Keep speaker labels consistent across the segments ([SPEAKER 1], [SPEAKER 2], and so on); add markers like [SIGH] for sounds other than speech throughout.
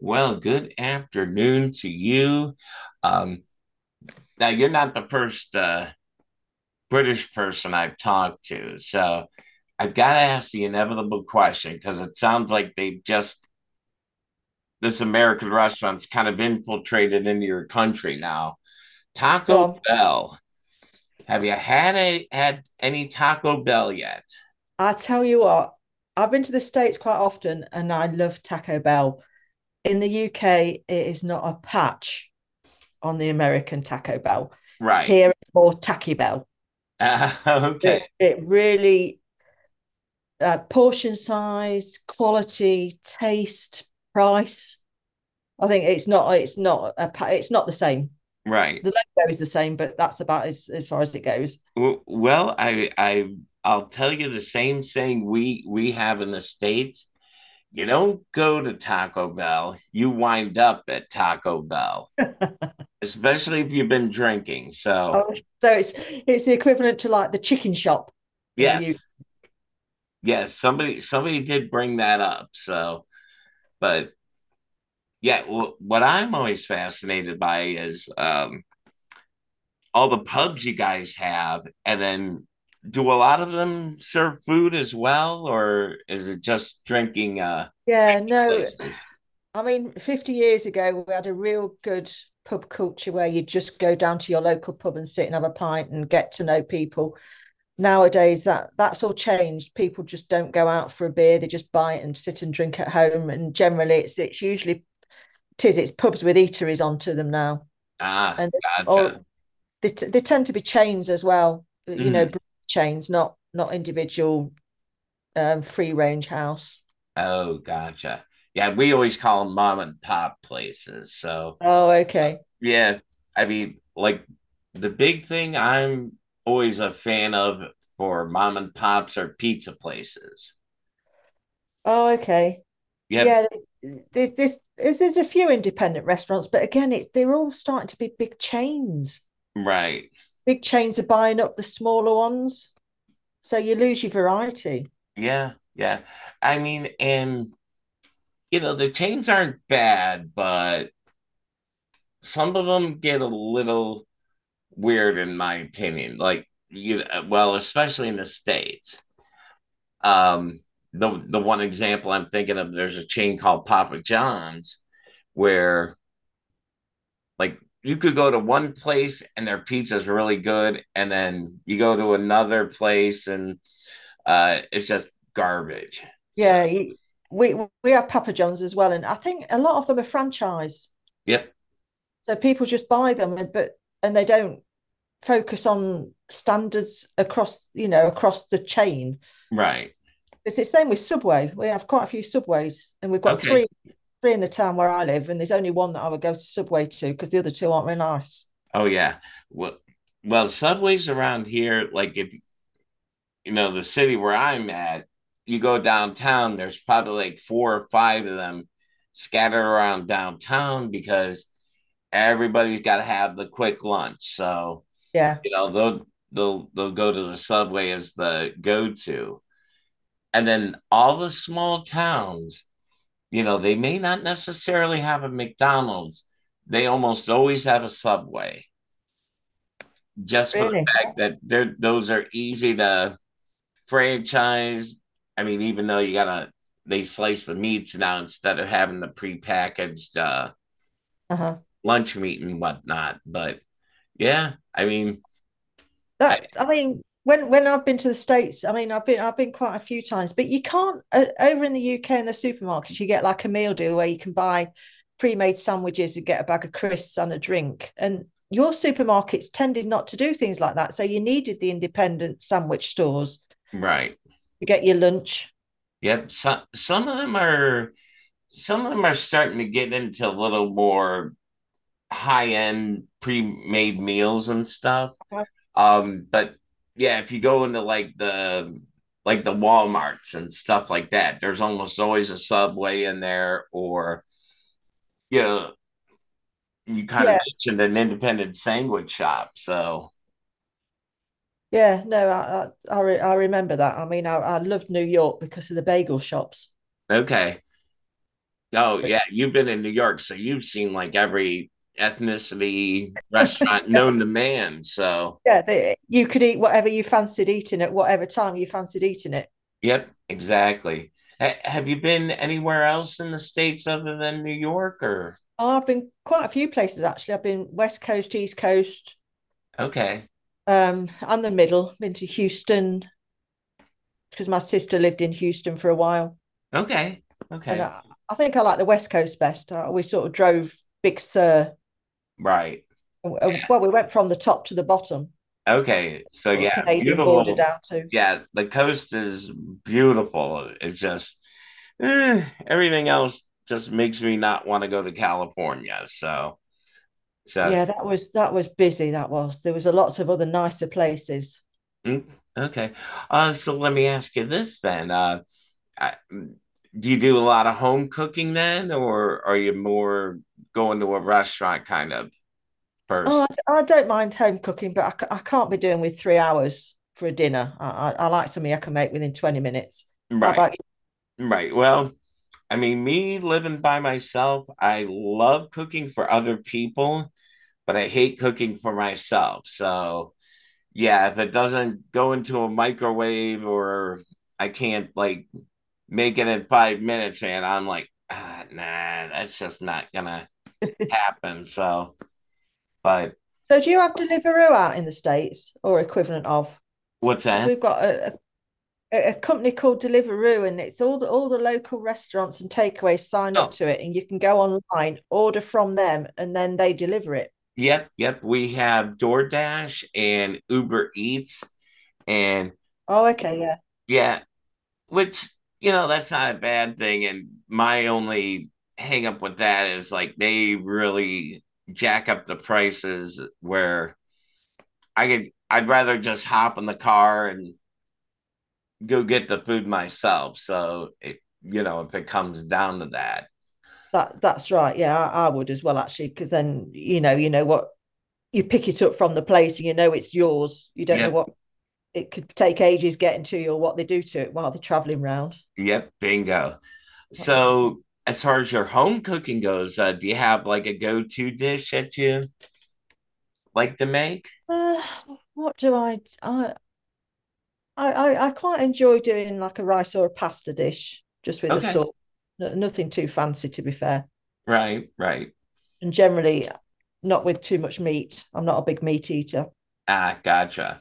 [SPEAKER 1] Well, good afternoon to you. Um, Now, you're not the first British person I've talked to. So I've got to ask the inevitable question because it sounds like they've just, this American restaurant's kind of infiltrated into your country now.
[SPEAKER 2] Go
[SPEAKER 1] Taco
[SPEAKER 2] on.
[SPEAKER 1] Bell. Have you had a, had any Taco Bell yet?
[SPEAKER 2] I tell you what, I've been to the States quite often and I love Taco Bell. In the UK, it is not a patch on the American Taco Bell.
[SPEAKER 1] Right.
[SPEAKER 2] Here, it's more Tacky Bell.
[SPEAKER 1] Uh, [LAUGHS] okay.
[SPEAKER 2] It really, portion size, quality, taste, price. I think it's not the same.
[SPEAKER 1] Right.
[SPEAKER 2] The logo is the same, but that's about as far as it goes.
[SPEAKER 1] Well, I I'll tell you the same thing we have in the States. You don't go to Taco Bell, you wind up at Taco Bell,
[SPEAKER 2] [LAUGHS]
[SPEAKER 1] especially if you've been drinking. So,
[SPEAKER 2] Oh, so it's the equivalent to like the chicken shop in the UK.
[SPEAKER 1] yes, yes, somebody did bring that up. So, but yeah, what I'm always fascinated by is all the pubs you guys have, and then do a lot of them serve food as well, or is it just drinking
[SPEAKER 2] Yeah, no,
[SPEAKER 1] places?
[SPEAKER 2] I mean, 50 years ago, we had a real good pub culture where you just go down to your local pub and sit and have a pint and get to know people. Nowadays that's all changed. People just don't go out for a beer, they just buy it and sit and drink at home. And generally it's usually tis it's pubs with eateries onto them now,
[SPEAKER 1] Ah,
[SPEAKER 2] and
[SPEAKER 1] gotcha.
[SPEAKER 2] or they tend to be chains as well, you know,
[SPEAKER 1] Mhm.
[SPEAKER 2] chains, not individual free range house.
[SPEAKER 1] Oh, gotcha. Yeah, we always call them mom and pop places. So,
[SPEAKER 2] Oh, okay.
[SPEAKER 1] yeah, I mean, like the big thing I'm always a fan of for mom and pops are pizza places.
[SPEAKER 2] Oh, okay.
[SPEAKER 1] Yep,
[SPEAKER 2] Yeah, there's a few independent restaurants, but again, it's they're all starting to be big chains.
[SPEAKER 1] right.
[SPEAKER 2] Big chains are buying up the smaller ones, so you lose your variety.
[SPEAKER 1] Yeah, yeah. I mean, and you know, the chains aren't bad, but some of them get a little weird in my opinion. Like you well, especially in the states. Um, the one example I'm thinking of, there's a chain called Papa John's where like you could go to one place and their pizza is really good, and then you go to another place and it's just garbage. So
[SPEAKER 2] Yeah, you, we we have Papa John's as well, and I think a lot of them are franchise.
[SPEAKER 1] yep,
[SPEAKER 2] So people just buy them, and- but and they don't focus on standards across, you know, across the chain.
[SPEAKER 1] right,
[SPEAKER 2] It's the same with Subway. We have quite a few Subways, and we've got
[SPEAKER 1] okay,
[SPEAKER 2] three in the town where I live, and there's only one that I would go to Subway to because the other two aren't very nice.
[SPEAKER 1] oh yeah. Well, well, subways around here, like if you know, the city where I'm at, you go downtown, there's probably like four or five of them scattered around downtown because everybody's got to have the quick lunch. So,
[SPEAKER 2] Yeah,
[SPEAKER 1] you know, they'll go to the subway as the go to. And then all the small towns, you know, they may not necessarily have a McDonald's, they almost always have a subway just for the
[SPEAKER 2] really.
[SPEAKER 1] fact that they're, those are easy to franchise. I mean, even though you gotta they slice the meats now instead of having the prepackaged
[SPEAKER 2] Uh huh.
[SPEAKER 1] lunch meat and whatnot. But yeah, I mean, I,
[SPEAKER 2] That I mean, when I've been to the states, I mean, I've been quite a few times, but you can't over in the UK in the supermarkets, you get like a meal deal where you can buy pre-made sandwiches and get a bag of crisps and a drink. And your supermarkets tended not to do things like that, so you needed the independent sandwich stores
[SPEAKER 1] right?
[SPEAKER 2] to get your lunch.
[SPEAKER 1] Yep. Some of them are some of them are starting to get into a little more high end pre made meals and stuff.
[SPEAKER 2] Uh-huh.
[SPEAKER 1] But yeah, if you go into like the Walmarts and stuff like that, there's almost always a Subway in there or you know you kind of
[SPEAKER 2] Yeah,
[SPEAKER 1] mentioned an independent sandwich shop. So,
[SPEAKER 2] yeah, no, I remember that. I mean, I loved New York because of the bagel shops.
[SPEAKER 1] okay. Oh,
[SPEAKER 2] But
[SPEAKER 1] yeah. You've been in New York. So you've seen like every ethnicity restaurant known to
[SPEAKER 2] [LAUGHS]
[SPEAKER 1] man. So,
[SPEAKER 2] yeah, they, you could eat whatever you fancied eating at whatever time you fancied eating it.
[SPEAKER 1] yep, exactly. Have you been anywhere else in the States other than New York or?
[SPEAKER 2] Oh, I've been quite a few places actually. I've been West Coast, East Coast,
[SPEAKER 1] Okay.
[SPEAKER 2] and the middle. Been to Houston because my sister lived in Houston for a while,
[SPEAKER 1] Okay.
[SPEAKER 2] and
[SPEAKER 1] Okay.
[SPEAKER 2] I, I think I like the West Coast best. We sort of drove Big Sur.
[SPEAKER 1] Right.
[SPEAKER 2] uh, Well, we went from the top to the bottom,
[SPEAKER 1] Okay, so
[SPEAKER 2] or
[SPEAKER 1] yeah,
[SPEAKER 2] Canadian border
[SPEAKER 1] beautiful.
[SPEAKER 2] down to.
[SPEAKER 1] Yeah, the coast is beautiful. It's just everything else just makes me not want to go to California. So
[SPEAKER 2] Yeah, that was busy. That was there was a lots of other nicer places.
[SPEAKER 1] mm, okay. So let me ask you this then. I, mm, do you do a lot of home cooking then, or are you more going to a restaurant kind of person?
[SPEAKER 2] Oh, I don't mind home cooking, but I can't be doing with 3 hours for a dinner. I like something I can make within 20 minutes. How
[SPEAKER 1] Right,
[SPEAKER 2] about
[SPEAKER 1] right. Well, I mean, me living by myself, I love cooking for other people, but I hate cooking for myself. So yeah, if it doesn't go into a microwave or I can't like make it in 5 minutes, and I'm like, ah, nah, that's just not gonna
[SPEAKER 2] [LAUGHS]
[SPEAKER 1] happen. So, but
[SPEAKER 2] So do you have Deliveroo out in the States or equivalent of?
[SPEAKER 1] what's
[SPEAKER 2] Because
[SPEAKER 1] that?
[SPEAKER 2] we've got a company called Deliveroo, and it's all the local restaurants and takeaways sign up
[SPEAKER 1] Oh,
[SPEAKER 2] to it, and you can go online, order from them, and then they deliver it.
[SPEAKER 1] yep, yep. We have DoorDash and Uber Eats, and
[SPEAKER 2] Oh, okay, yeah.
[SPEAKER 1] yeah, which you know that's not a bad thing. And my only hang up with that is like they really jack up the prices where I could I'd rather just hop in the car and go get the food myself. So it, you know if it comes down to that.
[SPEAKER 2] That that's right. Yeah, I would as well actually, because then you know what, you pick it up from the place and you know it's yours. You don't know
[SPEAKER 1] Yep,
[SPEAKER 2] what, it could take ages getting to you or what they do to it while they're traveling round.
[SPEAKER 1] yep, bingo.
[SPEAKER 2] That's
[SPEAKER 1] So as far as your home cooking goes, do you have like a go-to dish that you like to make?
[SPEAKER 2] uh, [SIGHS] what do I quite enjoy doing like a rice or a pasta dish just with a
[SPEAKER 1] Okay,
[SPEAKER 2] sauce. No- Nothing too fancy to be fair,
[SPEAKER 1] right, right.
[SPEAKER 2] and generally not with too much meat. I'm not a big meat eater,
[SPEAKER 1] Ah, gotcha.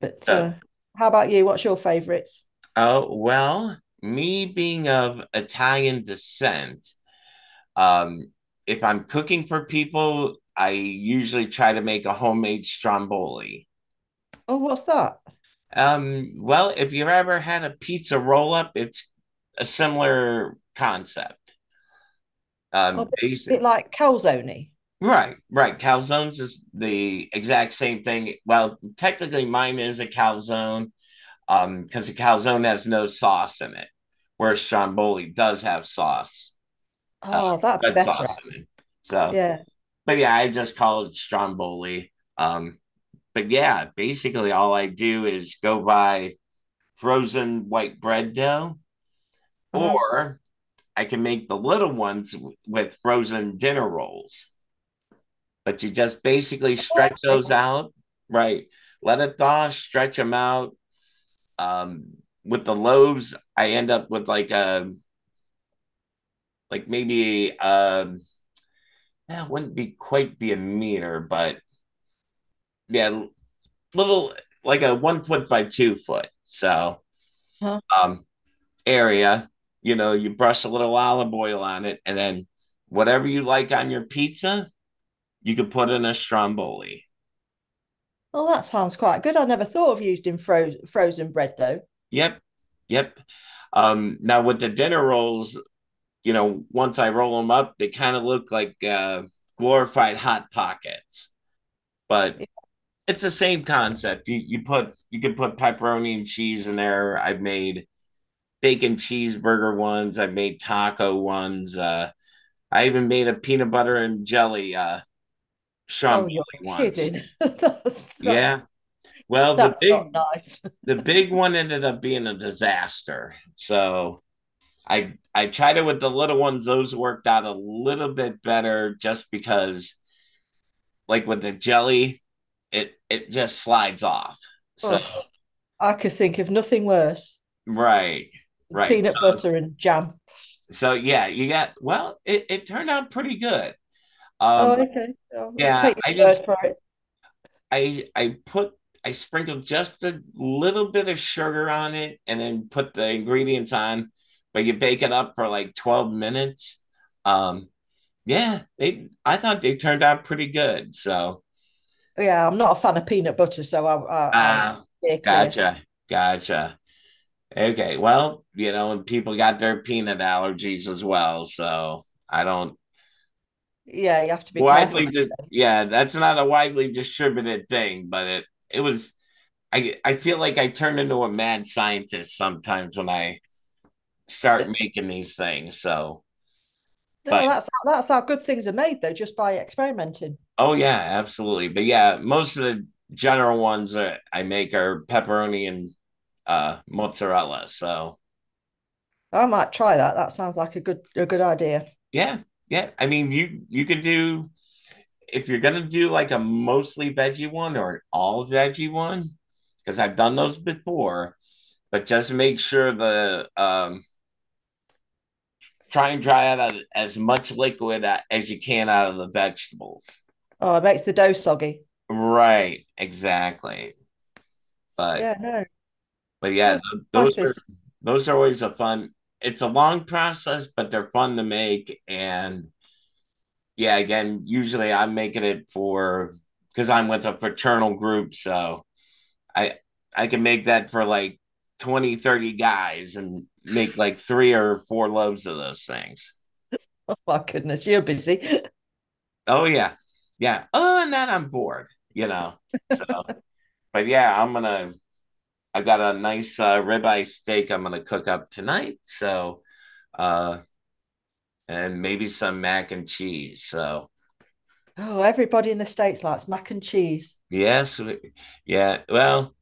[SPEAKER 2] but
[SPEAKER 1] So
[SPEAKER 2] how about you? What's your favourites?
[SPEAKER 1] oh, well, me being of Italian descent, um, if I'm cooking for people, I usually try to make a homemade stromboli.
[SPEAKER 2] Oh, what's that?
[SPEAKER 1] Well, if you've ever had a pizza roll up, it's a similar concept.
[SPEAKER 2] Oh, a bit
[SPEAKER 1] Basic.
[SPEAKER 2] like calzone.
[SPEAKER 1] Right, right. Calzones is the exact same thing. Well, technically, mine is a calzone, because a calzone has no sauce in it, whereas stromboli does have sauce. uh,
[SPEAKER 2] Oh, that'd be
[SPEAKER 1] Red
[SPEAKER 2] better.
[SPEAKER 1] sauce in it. So,
[SPEAKER 2] Yeah.
[SPEAKER 1] but yeah, I just call it stromboli. Um, but yeah, basically all I do is go buy frozen white bread dough,
[SPEAKER 2] Uh-huh.
[SPEAKER 1] or I can make the little ones with frozen dinner rolls. But you just basically
[SPEAKER 2] Oh,
[SPEAKER 1] stretch
[SPEAKER 2] okay.
[SPEAKER 1] those out, right? Let it thaw, stretch them out. Um, with the loaves, I end up with like a like maybe that wouldn't be quite be a meter, but yeah, little like a 1 foot by 2 foot. So
[SPEAKER 2] Uh-huh.
[SPEAKER 1] um area, you know, you brush a little olive oil on it, and then whatever you like on your pizza, you could put in a stromboli.
[SPEAKER 2] Oh, that sounds quite good. I never thought of using frozen bread dough.
[SPEAKER 1] Yep. Yep. Now with the dinner rolls, you know, once I roll them up, they kind of look like glorified hot pockets. But
[SPEAKER 2] Yeah.
[SPEAKER 1] it's the same concept. You can put pepperoni and cheese in there. I've made bacon cheeseburger ones, I've made taco ones, I even made a peanut butter and jelly Sean
[SPEAKER 2] Oh, you're
[SPEAKER 1] once.
[SPEAKER 2] kidding. [LAUGHS]
[SPEAKER 1] Yeah. Well,
[SPEAKER 2] That's not nice. [LAUGHS]
[SPEAKER 1] the big one ended up being a disaster. So I tried it with the little ones. Those worked out a little bit better just because like with the jelly, it just slides off. So
[SPEAKER 2] Oh, I could think of nothing worse
[SPEAKER 1] right,
[SPEAKER 2] than
[SPEAKER 1] right.
[SPEAKER 2] peanut butter and jam.
[SPEAKER 1] So yeah, you got well, it turned out pretty good.
[SPEAKER 2] Oh,
[SPEAKER 1] Um
[SPEAKER 2] okay. I'll
[SPEAKER 1] yeah,
[SPEAKER 2] take
[SPEAKER 1] I
[SPEAKER 2] your
[SPEAKER 1] just
[SPEAKER 2] word for it.
[SPEAKER 1] I put I sprinkled just a little bit of sugar on it and then put the ingredients on, but you bake it up for like 12 minutes. Um, yeah, they I thought they turned out pretty good. So
[SPEAKER 2] Yeah, I'm not a fan of peanut butter, so I
[SPEAKER 1] ah,
[SPEAKER 2] steer clear.
[SPEAKER 1] gotcha, gotcha. Okay, well, you know, and people got their peanut allergies as well, so I don't
[SPEAKER 2] Yeah, you have to be careful.
[SPEAKER 1] widely di- yeah, that's not a widely distributed thing, but it was I feel like I turn into a mad scientist sometimes when I start making these things. So,
[SPEAKER 2] No,
[SPEAKER 1] but
[SPEAKER 2] well, that's how good things are made though, just by experimenting.
[SPEAKER 1] oh yeah, absolutely. But yeah, most of the general ones that I make are pepperoni and mozzarella. So,
[SPEAKER 2] I might try that. That sounds like a good idea.
[SPEAKER 1] yeah. Yeah, I mean you could do if you're gonna do like a mostly veggie one or an all veggie one, because I've done those before, but just make sure the try and dry out as much liquid as you can out of the vegetables.
[SPEAKER 2] Oh, it makes the dough soggy.
[SPEAKER 1] Right, exactly. But
[SPEAKER 2] Yeah,
[SPEAKER 1] but yeah,
[SPEAKER 2] no, nice biz.
[SPEAKER 1] those are always a fun. It's a long process, but they're fun to make. And yeah, again, usually I'm making it for because I'm with a fraternal group, so I I can make that for like 20, 30 guys and make like three or four loaves of those things.
[SPEAKER 2] Oh my goodness, you're busy.
[SPEAKER 1] Oh yeah. Yeah. Oh, and then I'm bored, you know. So, but yeah, I've got a nice ribeye steak I'm going to cook up tonight. So, uh, and maybe some mac and cheese. So,
[SPEAKER 2] Oh, everybody in the states likes mac and cheese.
[SPEAKER 1] yes, yeah. Well,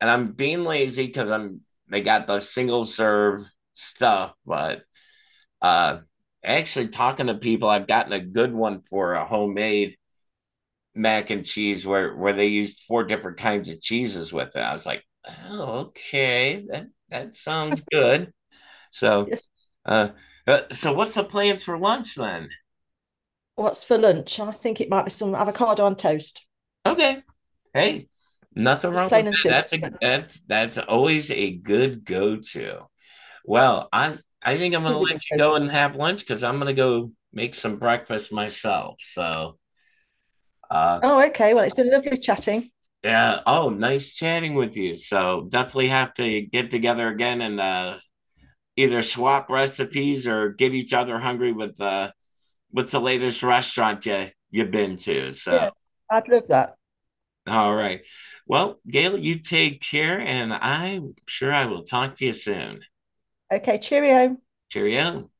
[SPEAKER 1] and I'm being lazy because I'm they got the single serve stuff, but uh, actually talking to people, I've gotten a good one for a homemade mac and cheese where they used four different kinds of cheeses with it. I was like, oh, okay, that sounds good. So Uh, so what's the plans for lunch then?
[SPEAKER 2] What's for lunch? I think it might be some avocado on toast,
[SPEAKER 1] Okay, hey, nothing
[SPEAKER 2] just
[SPEAKER 1] wrong with
[SPEAKER 2] plain and simple.
[SPEAKER 1] that. That's always a good go to. Well, I think I'm
[SPEAKER 2] It
[SPEAKER 1] gonna
[SPEAKER 2] is a
[SPEAKER 1] let
[SPEAKER 2] good
[SPEAKER 1] you go
[SPEAKER 2] go-to.
[SPEAKER 1] and have lunch because I'm gonna go make some breakfast myself. So uh
[SPEAKER 2] Oh, okay. Well, it's been lovely chatting.
[SPEAKER 1] yeah. Oh, nice chatting with you. So definitely have to get together again and either swap recipes or get each other hungry with what's the latest restaurant you've been to. So
[SPEAKER 2] Yeah, I'd love that.
[SPEAKER 1] all right. Well, Gail, you take care, and I'm sure I will talk to you soon.
[SPEAKER 2] Okay, cheerio.
[SPEAKER 1] Cheerio.